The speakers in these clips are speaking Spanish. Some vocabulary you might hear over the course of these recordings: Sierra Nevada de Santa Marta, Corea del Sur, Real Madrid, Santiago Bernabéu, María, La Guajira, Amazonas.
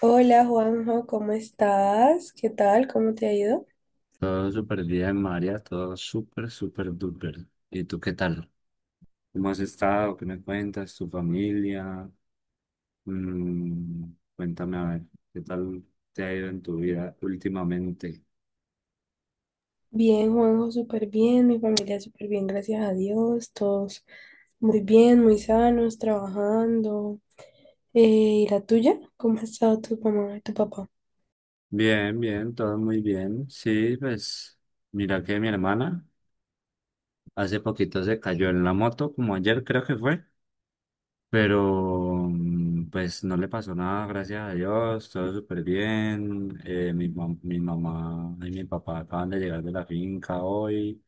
Hola Juanjo, ¿cómo estás? ¿Qué tal? ¿Cómo te ha ido? Todo súper bien, María, todo súper, súper duper. ¿Y tú qué tal? ¿Cómo has estado? ¿Qué me cuentas? ¿Tu familia? Mm, cuéntame a ver, ¿qué tal te ha ido en tu vida últimamente? Bien, Juanjo, súper bien, mi familia súper bien, gracias a Dios, todos muy bien, muy sanos, trabajando. Eh, ¿Y la tuya? ¿Cómo ha estado tu mamá y tu papá? Bien, bien, todo muy bien. Sí, pues mira que mi hermana hace poquito se cayó en la moto, como ayer creo que fue. Pero pues no le pasó nada, gracias a Dios, todo súper bien. Mi mamá y mi papá acaban de llegar de la finca hoy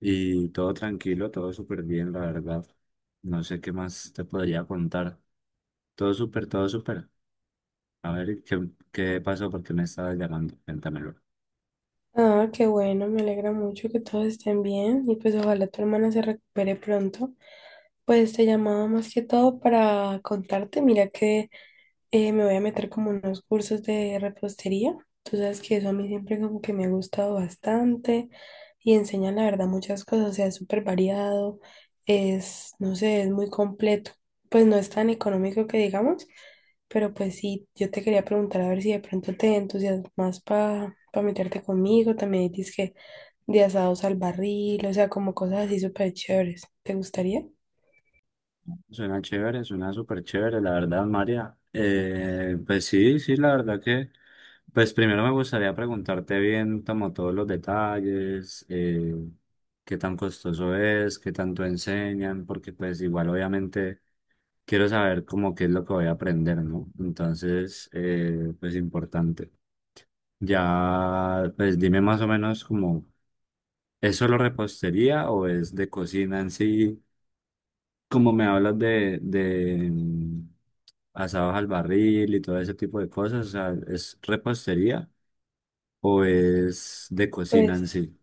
y todo tranquilo, todo súper bien, la verdad. No sé qué más te podría contar. Todo súper, todo súper. A ver, qué pasó? ¿Por qué me estabas llamando? Cuéntamelo. Ah, qué bueno, me alegra mucho que todos estén bien y pues ojalá tu hermana se recupere pronto. Pues te llamaba más que todo para contarte, mira que me voy a meter como unos cursos de repostería. Tú sabes que eso a mí siempre como que me ha gustado bastante y enseñan la verdad muchas cosas, o sea, es súper variado, es, no sé, es muy completo. Pues no es tan económico que digamos, pero pues sí, yo te quería preguntar a ver si de pronto te entusiasmas para meterte conmigo. También dices que de asados al barril, o sea, como cosas así súper chéveres. ¿Te gustaría? Suena chévere, suena súper chévere, la verdad, María. Pues sí, sí, la verdad pues primero me gustaría preguntarte bien como todos los detalles, qué tan costoso es, qué tanto enseñan, porque pues igual obviamente quiero saber como qué es lo que voy a aprender, ¿no? Entonces, pues importante. Ya, pues dime más o menos como, ¿es solo repostería o es de cocina en sí? Como me hablas de asados al barril y todo ese tipo de cosas, o sea, ¿es repostería o es de cocina en Pues sí?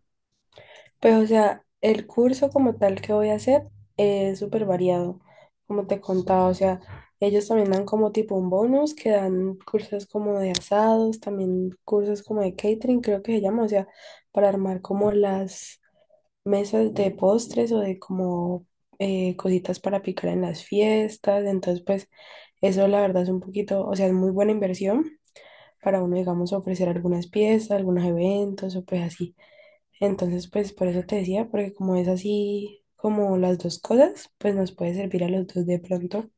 Pues, o sea, el curso como tal que voy a hacer es súper variado, como te contaba. O sea, ellos también dan como tipo un bonus, que dan cursos como de asados, también cursos como de catering, creo que se llama. O sea, para armar como las mesas de postres o de como cositas para picar en las fiestas. Entonces, pues, eso la verdad es un poquito, o sea, es muy buena inversión para uno, digamos, ofrecer algunas piezas, algunos eventos o pues así. Entonces, pues por eso te decía, porque como es así como las dos cosas, pues nos puede servir a los dos de pronto.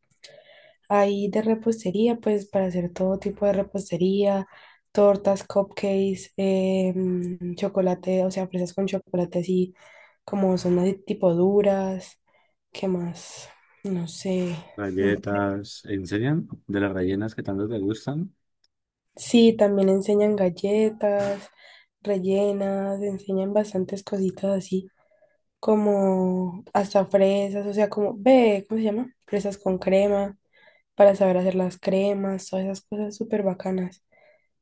Ahí de repostería, pues para hacer todo tipo de repostería, tortas, cupcakes, chocolate, o sea, fresas con chocolate así como son así tipo duras. ¿Qué más? No sé. Galletas, ¿enseñan de las rellenas que tanto te gustan? Sí, también enseñan galletas, rellenas, enseñan bastantes cositas así, como hasta fresas, o sea, como, ve, ¿cómo se llama? Fresas con crema, para saber hacer las cremas, todas esas cosas súper bacanas.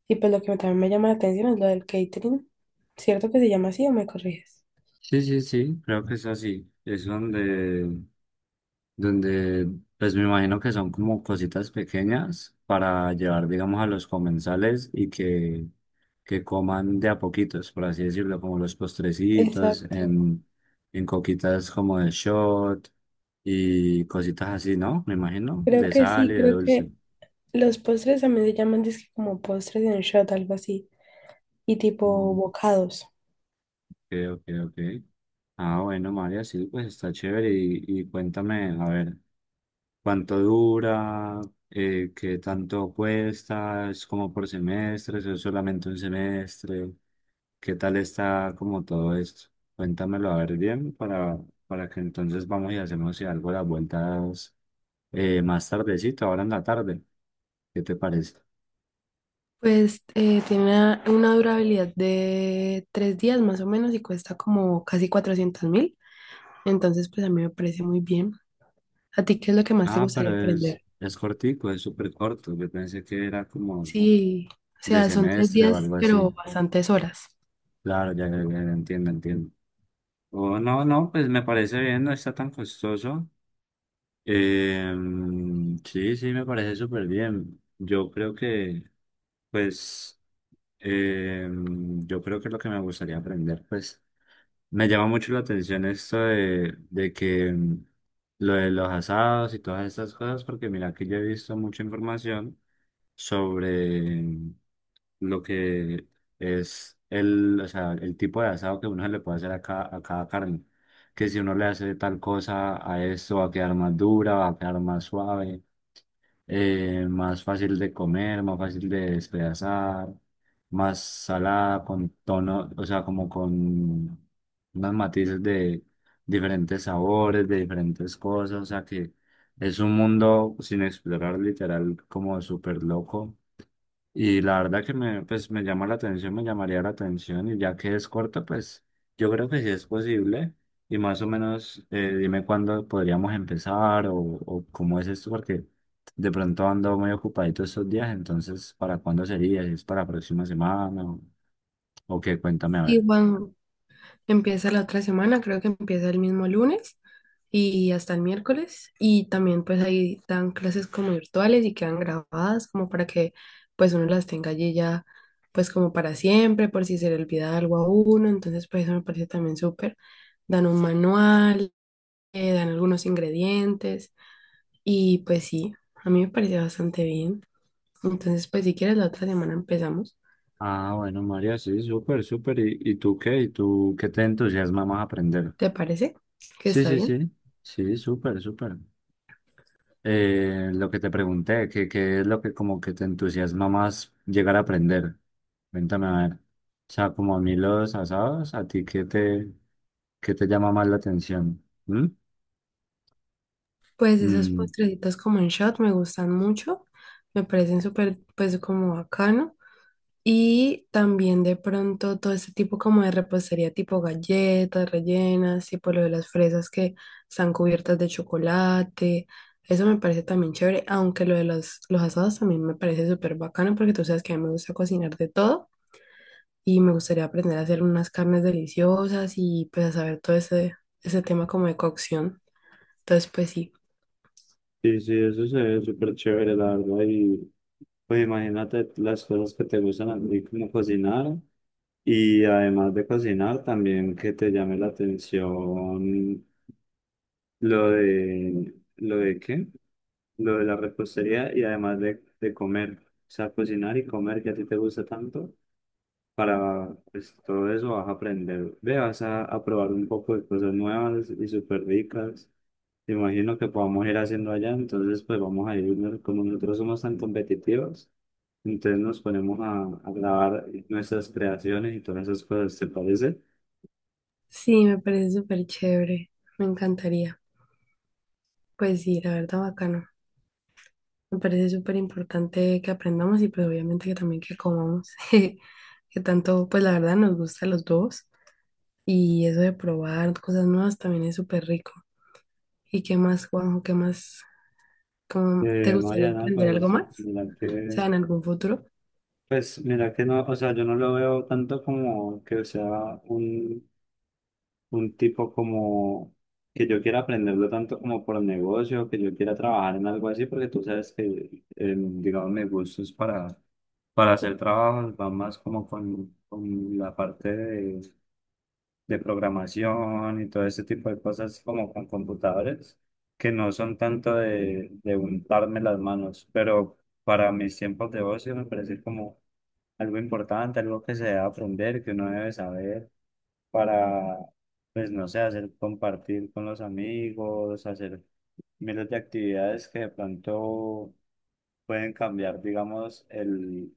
Y pues lo que también me llama la atención es lo del catering. ¿Cierto que se llama así o me corriges? Sí, sí, sí, creo que es así. Es donde pues me imagino que son como cositas pequeñas para llevar, digamos, a los comensales y que coman de a poquitos, por así decirlo, como los postrecitos, Exacto. En coquitas como de shot y cositas así, ¿no? Me imagino, Creo de que sal sí, y de creo dulce. que los postres también se llaman disque como postres en shot, algo así, y tipo Mm, bocados. Ok, ok, ok. Ah, bueno, María, sí, pues está chévere y cuéntame, a ver, cuánto dura, qué tanto cuesta, es como por semestres, es solamente un semestre, qué tal está como todo esto. Cuéntamelo a ver bien para que entonces vamos y hacemos si algo las vueltas más tardecito, ahora en la tarde. ¿Qué te parece? Pues tiene una durabilidad de 3 días más o menos y cuesta como casi 400.000. Entonces, pues a mí me parece muy bien. ¿A ti qué es lo que más te Ah, pero gustaría aprender? es cortico, es súper corto. Yo pensé que era como Sí, o de sea, son tres semestre o días, algo así. pero bastantes horas. Claro, ya, ya, ya, entiendo, entiendo. Oh, no, no, pues me parece bien, no está tan costoso. Eh, sí, sí, me parece súper bien. Yo creo que, pues, eh, yo creo que lo que me gustaría aprender, pues, me llama mucho la atención esto de que lo de los asados y todas estas cosas, porque mira que yo he visto mucha información sobre lo que es o sea, el tipo de asado que uno se le puede hacer a a cada carne, que si uno le hace tal cosa a esto va a quedar más dura, va a quedar más suave, más fácil de comer, más fácil de despedazar, más salada, con tono, o sea, como con unos matices de diferentes sabores, de diferentes cosas, o sea que es un mundo sin explorar, literal, como súper loco, y la verdad que pues, me llama la atención, me llamaría la atención, y ya que es corto, pues yo creo que sí es posible. Y más o menos, dime cuándo podríamos empezar o cómo es esto, porque de pronto ando muy ocupadito estos días, entonces ¿para cuándo sería? ¿Si ¿Es para la próxima semana o qué? Cuéntame a Sí, ver. Juan, empieza la otra semana, creo que empieza el mismo lunes y hasta el miércoles. Y también pues ahí dan clases como virtuales y quedan grabadas como para que pues uno las tenga allí ya pues como para siempre, por si se le olvida algo a uno. Entonces pues eso me parece también súper. Dan un manual, dan algunos ingredientes y pues sí, a mí me parece bastante bien. Entonces, pues si quieres, la otra semana empezamos. Ah, bueno, María, sí, súper, súper. Y tú qué? ¿Y tú qué te entusiasma más aprender? ¿Te parece? Que Sí, está sí, bien. sí, sí, súper, súper. Eh, lo que te pregunté, que es lo que como que te entusiasma más llegar a aprender. Cuéntame a ver. O sea, como a mí los asados, ¿a ti qué qué te llama más la atención? ¿Mm? Pues esos Mm. postrecitos como en shot me gustan mucho. Me parecen súper, pues como bacano. Y también de pronto todo este tipo como de repostería tipo galletas rellenas, tipo lo de las fresas que están cubiertas de chocolate. Eso me parece también chévere, aunque lo de los asados también me parece súper bacano porque tú sabes que a mí me gusta cocinar de todo. Y me gustaría aprender a hacer unas carnes deliciosas y pues a saber todo ese, ese tema como de cocción. Entonces, pues sí, Sí, sí, eso se ve súper chévere, la verdad. Y pues imagínate las cosas que te gustan a ti, como cocinar. Y además de cocinar, también que te llame la atención ¿lo de qué? Lo de la repostería y además de comer, o sea, cocinar y comer que a ti te gusta tanto, para pues, todo eso vas a aprender, ve, vas a probar un poco de cosas nuevas y súper ricas. Te imagino que podamos ir haciendo allá, entonces pues vamos a ir, ¿no? Como nosotros somos tan competitivos, entonces nos ponemos a grabar nuestras creaciones y todas esas cosas, ¿te parece? sí, me parece súper chévere, me encantaría. Pues sí, la verdad, bacano. Me parece súper importante que aprendamos y pues obviamente que también que comamos, que tanto, pues la verdad nos gusta a los dos y eso de probar cosas nuevas también es súper rico. ¿Y qué más, Juanjo? ¿Qué más? ¿Cómo te gustaría Mariana, aprender pues algo más? O mira sea, en algún futuro. pues mira que no, o sea, yo no lo veo tanto como que sea un tipo como que yo quiera aprenderlo tanto como por negocio, que yo quiera trabajar en algo así, porque tú sabes que, digamos, mis gustos para hacer trabajos va más como con la parte de programación y todo ese tipo de cosas como con computadores, que no son tanto de untarme las manos, pero para mis tiempos de ocio me parece como algo importante, algo que se debe aprender, que uno debe saber para, pues no sé, hacer compartir con los amigos, hacer miles de actividades que de pronto pueden cambiar, digamos,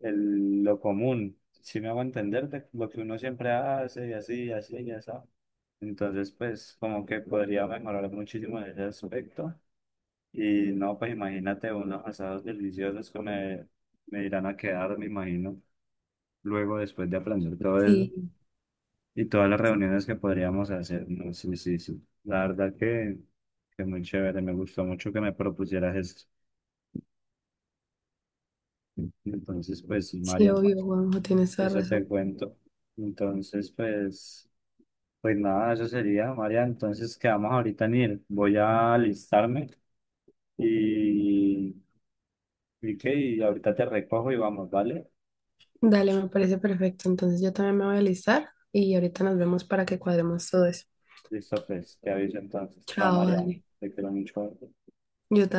lo común. Si me hago entender de lo que uno siempre hace y así, y así, y así. Entonces, pues como que podría mejorar muchísimo en ese aspecto. Y no, pues imagínate unos asados deliciosos que me irán a quedar, me imagino, luego después de aprender todo eso. Sí. Y todas las reuniones que podríamos hacer, ¿no? Sí, sí, sí. La verdad que muy chévere, me gustó mucho que me propusieras esto. Entonces, pues sí, Sí, María, obvio, Juanjo, tienes toda eso te razón. cuento. Entonces, pues, pues nada, eso sería, María. Entonces, quedamos ahorita en ir. Voy a alistarme y, y qué, y ahorita te recojo y vamos, ¿vale? Dale, me parece perfecto. Entonces yo también me voy a alistar y ahorita nos vemos para que cuadremos todo eso. Listo, pues, te aviso entonces. Chao, Chao, María. dale. Te quiero mucho. Yo también.